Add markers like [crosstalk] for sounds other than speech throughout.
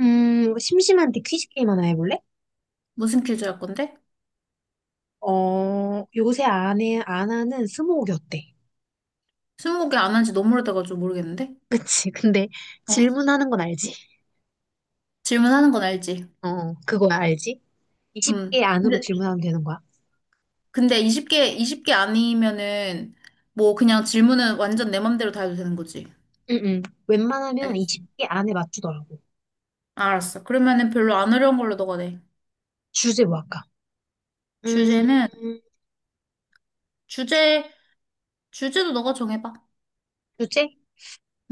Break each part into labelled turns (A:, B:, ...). A: 뭐 심심한데 퀴즈 게임 하나 해볼래?
B: 무슨 퀴즈 할 건데?
A: 어, 요새 안 하는 스무고개 어때?
B: 스무 개 안 한지 너무 오래돼가지고 모르겠는데?
A: 그치. [laughs] 근데 질문하는 건 알지?
B: 질문하는 건 알지?
A: 어, 그거야, 알지?
B: 음.
A: 20개 안으로
B: 근데,
A: 질문하면 되는 거야.
B: 근데 20개, 20개 아니면은, 뭐, 그냥 질문은 완전 내 맘대로 다 해도 되는 거지.
A: 응, 응. 웬만하면
B: 알겠어.
A: 20개 안에 맞추더라고.
B: 알았어. 그러면은 별로 안 어려운 걸로 너가 내.
A: 주제 뭐 할까? 음,
B: 주제는, 주제, 주제도 너가 정해봐.
A: 주제?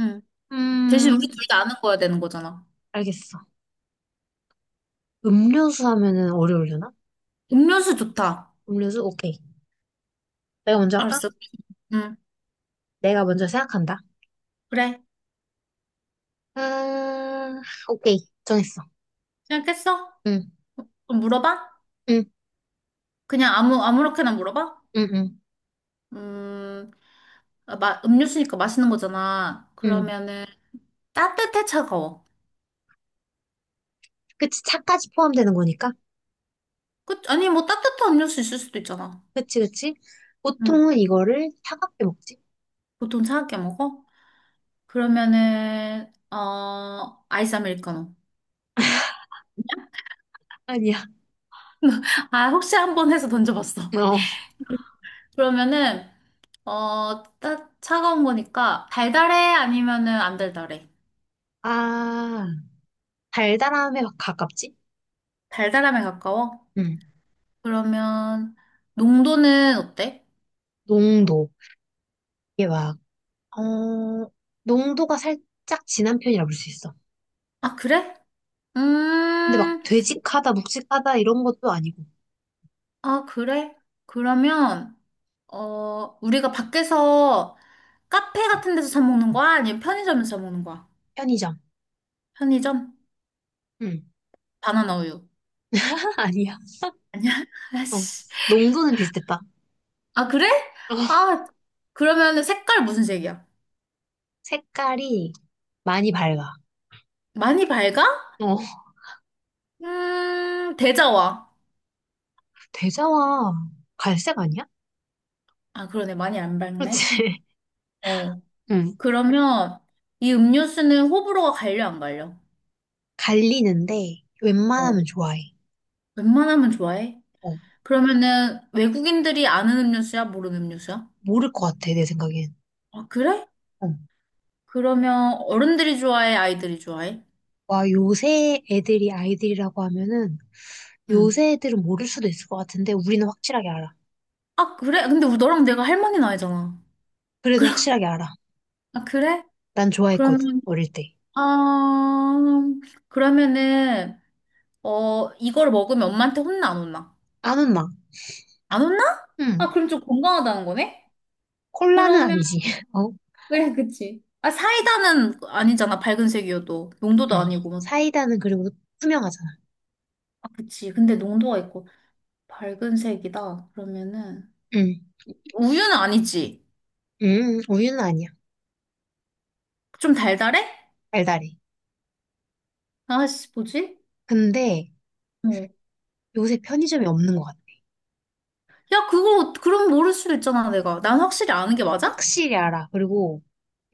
B: 음. 대신
A: 음,
B: 우리 둘 다 아는 거야 되는 거잖아.
A: 알겠어. 음료수 하면은 어려우려나?
B: 음료수 좋다.
A: 음료수? 오케이. 내가 먼저 할까?
B: 알았어. 음.
A: 내가 먼저 생각한다.
B: 그래.
A: 아, 오케이. 정했어.
B: 생각했어?
A: 응,
B: 그럼 물어봐?
A: 응,
B: 그냥 아무렇게나 물어봐?
A: 응, 응,
B: 음. 음료수니까 마시는 거잖아.
A: 응.
B: 그러면은 따뜻해 차가워?
A: 그치, 차까지 포함되는 거니까.
B: 그, 아니 뭐 따뜻한 음료수 있을 수도 있잖아.
A: 그치, 그치.
B: 응.
A: 보통은 이거를 차갑게 먹지?
B: 보통 차갑게 먹어? 그러면은 어 아이스 아메리카노.
A: 아니야.
B: [laughs] 아 혹시 한번 해서 던져봤어.
A: 어. [laughs]
B: [laughs] 그러면은 차가운 거니까 달달해 아니면은 안 달달해?
A: 아, 달달함에 막 가깝지?
B: 달달함에 가까워?
A: 응.
B: 그러면 농도는 어때?
A: 농도. 이게 막, 어, 농도가 살짝 진한 편이라 볼 수 있어.
B: 아 그래?
A: 근데 막
B: 음,
A: 되직하다, 묵직하다 이런 것도 아니고.
B: 아 그래? 그러면 어, 우리가 밖에서 카페 같은 데서 사 먹는 거야? 아니면 편의점에서 사 먹는 거야?
A: 편의점.
B: 편의점?
A: 응.
B: 바나나 우유.
A: [laughs] 아니야.
B: 아니야? [laughs]
A: 어.
B: 아씨.
A: 농도는 비슷했다.
B: 아, 그래?
A: 어.
B: 아, 그러면 색깔 무슨 색이야?
A: 색깔이 많이 밝아.
B: 많이 밝아?
A: 어.
B: 대자와.
A: 대자와 갈색 아니야?
B: 아, 그러네. 많이 안 밝네.
A: 그렇지. [laughs]
B: 어.
A: 응.
B: 그러면 이 음료수는 호불호가 갈려, 안 갈려?
A: 갈리는데
B: 어.
A: 웬만하면 좋아해.
B: 웬만하면 좋아해?
A: 어,
B: 그러면은 외국인들이 아는 음료수야, 모르는 음료수야?
A: 모를 것 같아, 내 생각엔.
B: 아, 그래?
A: 어.
B: 그러면 어른들이 좋아해, 아이들이 좋아해?
A: 와, 요새 애들이 아이들이라고 하면은
B: 응.
A: 요새 애들은 모를 수도 있을 것 같은데 우리는 확실하게 알아.
B: 아, 그래? 근데 우리 너랑 내가 할머니 나이잖아.
A: 그래도 확실하게 알아.
B: 아, 그래?
A: 난 좋아했거든,
B: 그러면,
A: 어릴 때.
B: 아, 그러면은, 어, 이걸 먹으면 엄마한테 혼나, 안 혼나?
A: 아문나.
B: 안 혼나? 아,
A: 응.
B: 그럼 좀 건강하다는 거네?
A: 콜라는
B: 그러면,
A: 아니지. [laughs] 어?
B: 그래, 그치. 아, 사이다는 아니잖아, 밝은 색이어도. 농도도
A: 응.
B: 아니고. 막.
A: 사이다는 그리고 투명하잖아.
B: 아, 그치. 근데 농도가 있고. 밝은 색이다. 그러면은,
A: 응.
B: 우유는 아니지.
A: 응, 우유는 아니야.
B: 좀 달달해?
A: 달달해.
B: 아씨, 뭐지?
A: 근데
B: 어.
A: 요새 편의점이 없는 것 같아.
B: 야, 그거, 그럼 모를 수도 있잖아, 내가. 난 확실히 아는 게 맞아?
A: 확실히 알아. 그리고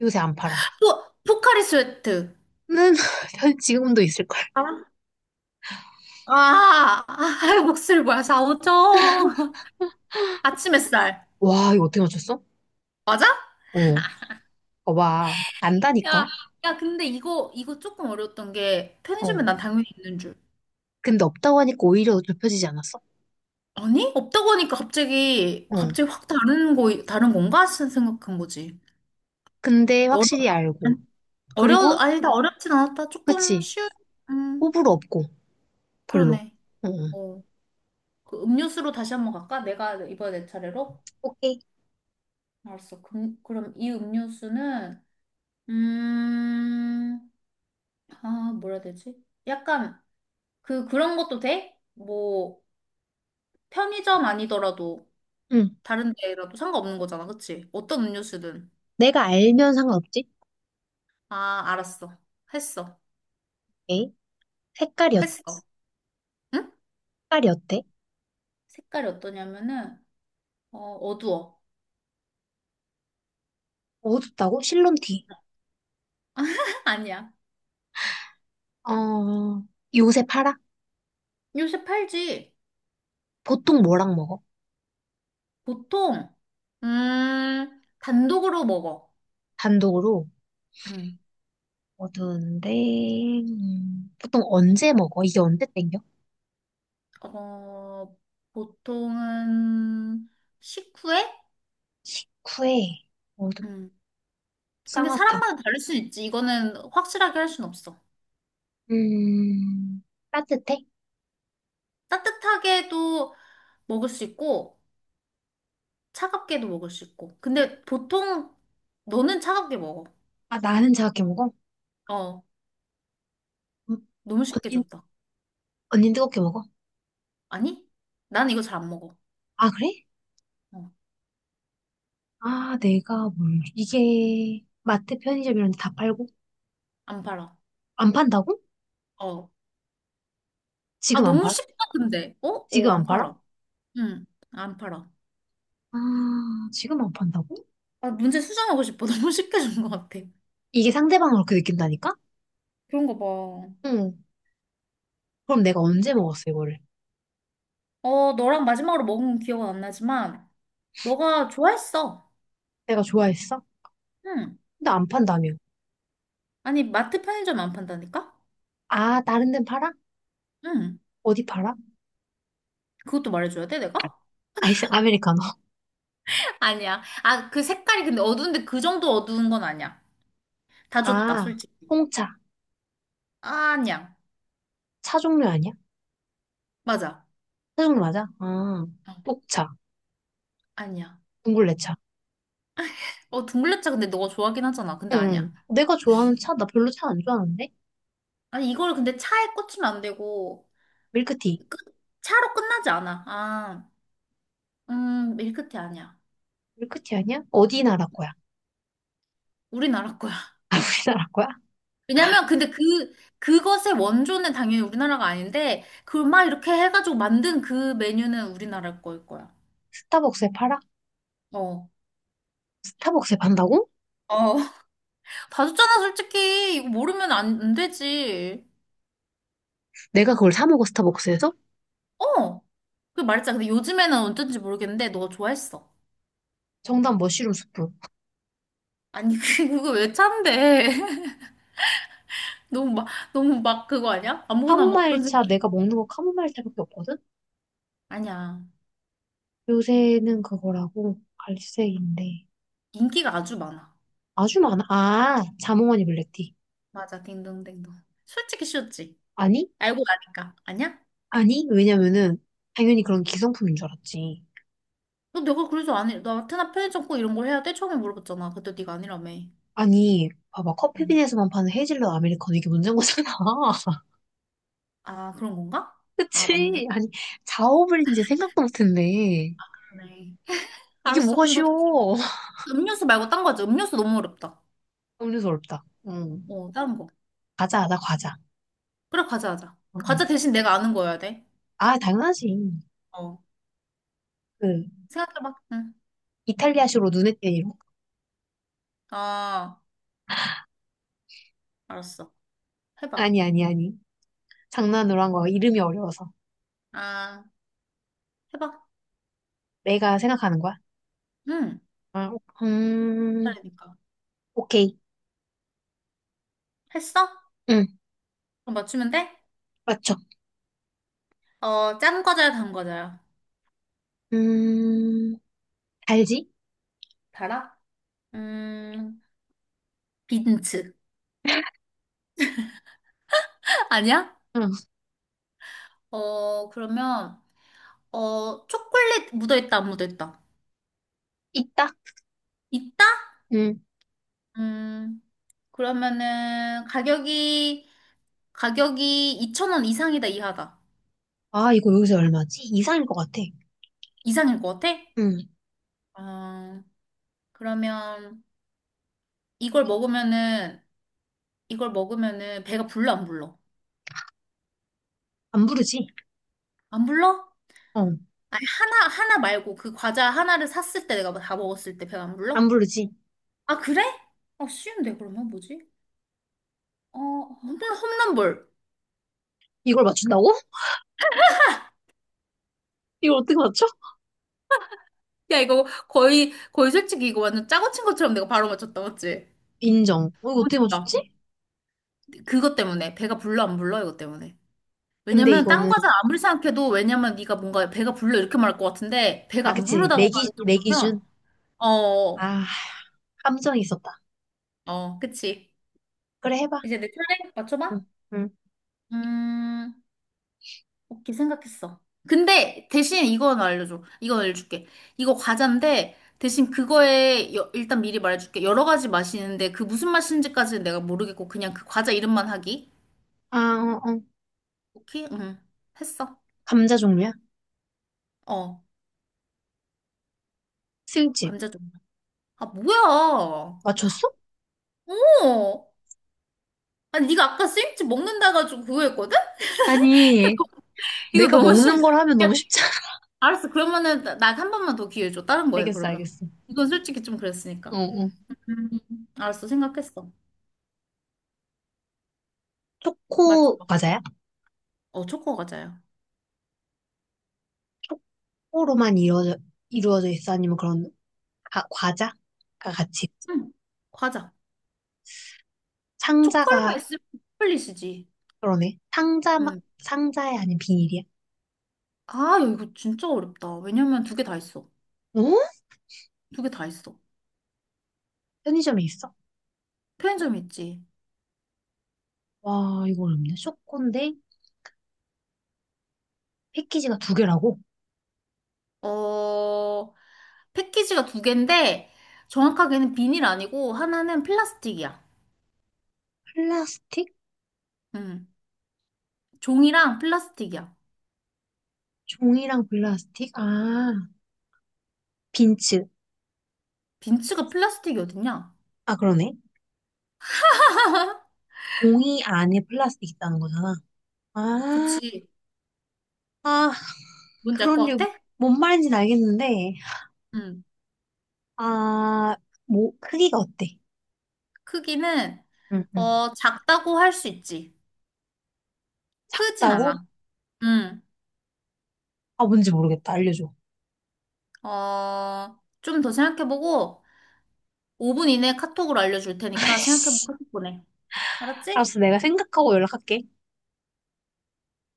A: 요새 안 팔아.
B: 포카리 스웨트.
A: 는 [laughs] 편- 지금도 있을걸.
B: 아, 목소리 뭐야, 사 오 점 [laughs] 아침 햇살.
A: 와, 이거 어떻게 맞췄어?
B: 맞아?
A: 어, 봐봐. 안다니까?
B: 야, 근데 이거 조금 어려웠던 게,
A: 어.
B: 편의점에 난 당연히 있는 줄.
A: 근데 없다고 하니까 오히려 좁혀지지 않았어?
B: 아니? 없다고 하니까
A: 어.
B: 갑자기 확 다른 건가? 생각한 거지.
A: 근데
B: 어려,
A: 확실히 알고. 그리고,
B: 아니다, 어렵진 않았다. 조금
A: 그치.
B: 쉬운, 음,
A: 호불호 없고, 별로.
B: 그러네.
A: 어, 어.
B: 어, 그 음료수로 다시 한 번 갈까? 내가 이번에 내 차례로?
A: 오케이.
B: 알았어. 그럼 이 음료수는, 음, 아, 뭐라 해야 되지? 약간, 그런 것도 돼? 뭐, 편의점 아니더라도,
A: 응.
B: 다른 데라도 상관없는 거잖아, 그치? 어떤 음료수든.
A: 내가 알면 상관없지?
B: 아, 알았어. 했어.
A: 오케이. 색깔이, 어-
B: 했어. 응?
A: 색깔이 어때?
B: 색깔이 어떠냐면은, 어, 어두워.
A: 어둡다고? 실론티.
B: [laughs] 아니야.
A: 어, 요새 팔아?
B: 요새 팔지.
A: 보통 뭐랑 먹어?
B: 보통, 단독으로 먹어.
A: 단독으로.
B: 음,
A: 어두운데, 보통 언제 먹어? 이게 언제 땡겨?
B: 어, 보통은, 식후에?
A: 쿠에, 어둡,
B: 음. 근데
A: 쌍화탕.
B: 사람마다 다를 수 있지. 이거는 확실하게 할 순 없어.
A: 음, 따뜻해?
B: 따뜻하게도 먹을 수 있고, 차갑게도 먹을 수 있고. 근데 보통 너는 차갑게 먹어.
A: 아, 나는 차갑게 먹어?
B: 어,
A: 음,
B: 너무 쉽게
A: 언니,
B: 줬다.
A: 언니 뜨겁게 먹어?
B: 아니? 난 이거 잘 안 먹어.
A: 아, 그래?
B: 어,
A: 아, 내가 뭘, 이게, 마트 편의점 이런 데 다 팔고?
B: 안 팔아.
A: 안 판다고?
B: 어. 아,
A: 지금 안
B: 너무
A: 팔아?
B: 쉽다, 근데. 어?
A: 지금
B: 어,
A: 안
B: 안
A: 팔아?
B: 팔아. 응, 안 팔아.
A: 아, 지금 안 판다고?
B: 아, 문제 수정하고 싶어. [laughs] 너무 쉽게 준 것 같아.
A: 이게 상대방을 그렇게 느낀다니까?
B: 그런 거 봐.
A: 응. 그럼 내가 언제 먹었어, 이거를?
B: 어, 너랑 마지막으로 먹은 기억은 안 나지만, 너가 좋아했어.
A: 내가 좋아했어?
B: 응.
A: 근데 안 판다며.
B: 아니, 마트 편의점 안 판다니까?
A: 아, 다른 데는 팔아?
B: 응.
A: 어디 팔아?
B: 그것도 말해줘야 돼, 내가?
A: 아이스 아메리카노.
B: 아니야. 아, 그 색깔이 근데 어두운데 그 정도 어두운 건 아니야. 다 줬다,
A: 아,
B: 솔직히.
A: 홍차.
B: 아니야.
A: 차 종류 아니야?
B: 맞아.
A: 차 종류 맞아? 아,
B: 어,
A: 녹차.
B: 아니야.
A: 둥글레차.
B: 어, 둥글레차 근데 너가 좋아하긴 하잖아. 근데 아니야.
A: 응. 내가 좋아하는 차, 나 별로 차 안 좋아하는데?
B: 아니, 이걸 근데 차에 꽂히면 안 되고,
A: 밀크티.
B: 끝- 차로 끝나지 않아. 아, 밀크티 아니야.
A: 밀크티 아니야? 어디 나라 거야?
B: 우리나라 거야. [laughs]
A: [laughs] 우리나라 거야?
B: 왜냐면 근데 그것의 원조는 당연히 우리나라가 아닌데, 그걸 막 이렇게 해가지고 만든 그 메뉴는 우리나라 거일 거야.
A: 스타벅스에 팔아?
B: 어.
A: 스타벅스에 판다고?
B: 어, [laughs] 봐줬잖아, 솔직히. 이거 모르면 안 되지.
A: 내가 그걸 사 먹어, 스타벅스에서?
B: 어, 그 말했잖아. 근데 요즘에는 어쩐지 모르겠는데, 너 좋아했어.
A: 정답 머쉬룸 수프.
B: 아니, [laughs] 그거 왜 참대? [laughs] 너무 막, 너무 막 그거 아니야? 아무거나 막
A: 카모마일
B: 던진
A: 차,
B: 거야.
A: 내가 먹는 거 카모마일 차밖에 없거든?
B: 아니야.
A: 요새는 그거라고 갈색인데.
B: 인기가 아주 많아.
A: 아주 많아. 아, 자몽하니 블랙티.
B: 맞아, 딩동댕동. 솔직히 쉬웠지.
A: 아니?
B: 알고 나니까. 아니야?
A: 아니? 왜냐면은, 당연히 그런
B: 응.
A: 기성품인 줄 알았지.
B: 너 내가 그래서 안 해. 나 테나 편의점 꼭 이런 걸 해야 돼? 처음에 물어봤잖아. 그때 네가 아니라며.
A: 아니, 봐봐.
B: 응.
A: 커피빈에서만 파는 헤이즐넛 아메리카노 이게 문제인 거잖아.
B: 아, 그런 건가? 아, 맞네.
A: 그치? 아니, 자업을 이제 생각도 못했네.
B: 그러네. [laughs]
A: 이게
B: 알았어.
A: 뭐가
B: 그럼 너 다시.
A: 쉬워. [laughs]
B: 음료수 말고 딴 거지. 음료수 너무 어렵다.
A: 음료수 어렵다. 응.
B: 어, 다른 거.
A: 과자, 나 과자.
B: 그래, 과자 하자.
A: 응, 응.
B: 과자 대신 내가 아는 거여야 돼.
A: 아, 당연하지.
B: 어.
A: 그,
B: 생각해봐. 응.
A: 이탈리아식으로 눈에 띄는 이름.
B: 아, 알았어. 해봐.
A: 아니, 아니, 아니. 장난으로 한 거야. 이름이 어려워서.
B: 아, 해봐.
A: 내가 생각하는 거야.
B: 응.
A: 아, 음,
B: 그러니까.
A: 오케이.
B: 했어?
A: 응,
B: 그럼 맞추면 돼?
A: 맞죠.
B: 어, 짠 과자야, 단 과자야?
A: 음, 알지?
B: 달아? 음, 빈츠. [laughs] 아니야?
A: 응,
B: 어, 그러면, 어, 초콜릿 묻어있다, 안 묻어있다?
A: 있다.
B: 있다?
A: 응.
B: 음, 그러면은, 가격이 2천 원 이상이다, 이하다.
A: 아, 이거 여기서 얼마지? 이상일 것 같아.
B: 이상일 것 같아?
A: 응,
B: 아, 그러면 이걸 먹으면은 이걸 먹으면은 배가 불러 안 불러?
A: 안 부르지?
B: 안 불러?
A: 어,
B: 아니 하나 하나 말고 그 과자 하나를 샀을 때 내가 다 먹었을 때 배가 안
A: 안
B: 불러?
A: 부르지.
B: 아 그래? 아 쉬운데 그러면 뭐지? 어 홈런볼.
A: 이걸 맞춘다고? 이걸 어떻게 맞춰?
B: 야 이거 거의 거의 솔직히 이거 완전 짜고 친 것처럼 내가 바로 맞췄다 맞지?
A: 인정. 어, 이거
B: 너무
A: 어떻게
B: 다
A: 맞췄지?
B: 그것 때문에 배가 불러 안 불러 이것 때문에.
A: 근데
B: 왜냐면 딴
A: 이거는,
B: 과자 아무리 생각해도 왜냐면 네가 뭔가 배가 불러 이렇게 말할 것 같은데 배가
A: 아,
B: 안
A: 그치.
B: 부르다고 할
A: 내
B: 정도면
A: 기준.
B: 어, 어,
A: 아, 감정이 있었다.
B: 어, 그치.
A: 그래, 해봐.
B: 이제 내 차례 맞춰봐.
A: 응, 응.
B: 음, 오케이, 생각했어. 근데 대신 이건 알려줘. 이건 알려줄게. 이거 과자인데 대신 그거에 일단 미리 말해줄게. 여러 가지 맛이 있는데 그 무슨 맛인지까지는 내가 모르겠고 그냥 그 과자 이름만 하기.
A: 아, 어, 어.
B: 오케이? 응. 했어.
A: 감자 종류야?
B: 어,
A: 스윙칩.
B: 감자전. 아, 뭐야.
A: 맞췄어?
B: 어. 아니, 네가 아까 스윙칩 먹는다 가지고 그거 했거든?
A: 아니,
B: [laughs] 이거
A: 내가
B: 너무
A: 먹는
B: 심해.
A: 걸 하면 너무 쉽지 않아. [laughs]
B: 알았어. 그러면은 나 한 번만 더 기회 줘. 다른 거 해,
A: 알겠어,
B: 그러면.
A: 알겠어.
B: 이건 솔직히 좀
A: 어,
B: 그랬으니까.
A: 어.
B: 음, 알았어. 생각했어.
A: 초코
B: 맞춰봐.
A: 과자야?
B: 어, 초코 과자야.
A: 초코로만 이루어져, 이루어져 있어? 아니면 그런 과자가 같이
B: 응, 과자.
A: 상자가
B: 초콜릿만 있으면 초콜릿이지.
A: 그러네 상자 막
B: 응.
A: 상자에 아닌 비닐이야?
B: 아, 야, 이거 진짜 어렵다. 왜냐면 두 개 다 있어.
A: 어?
B: 두 개 다 있어.
A: 편의점에 있어?
B: 편의점 있지.
A: 와 이거 어렵네 초코인데 패키지가 두 개라고?
B: 어, 패키지가 두 개인데, 정확하게는 비닐 아니고, 하나는 플라스틱이야.
A: 플라스틱?
B: 응. 종이랑 플라스틱이야.
A: 종이랑 플라스틱? 아, 빈츠.
B: 빈츠가 플라스틱이 어딨냐?
A: 아, 그러네. 종이 안에 플라스틱 있다는 거잖아. 아,
B: 그치.
A: 아,
B: 뭔지 알
A: 그런
B: 것
A: 일
B: 같아?
A: 뭔 말인지는 알겠는데,
B: 응.
A: 아, 뭐, 크기가 어때?
B: 크기는
A: 응, 응.
B: 어 작다고 할 수 있지. 크진
A: 다고
B: 않아. 응.
A: 아, 뭔지 모르겠다. 알려줘.
B: 어, 좀 더 생각해보고 5분 이내에 카톡으로 알려줄
A: [laughs]
B: 테니까 생각해보고
A: 아이씨.
B: 카톡 보내. 알았지?
A: 알았어, 내가 생각하고 연락할게.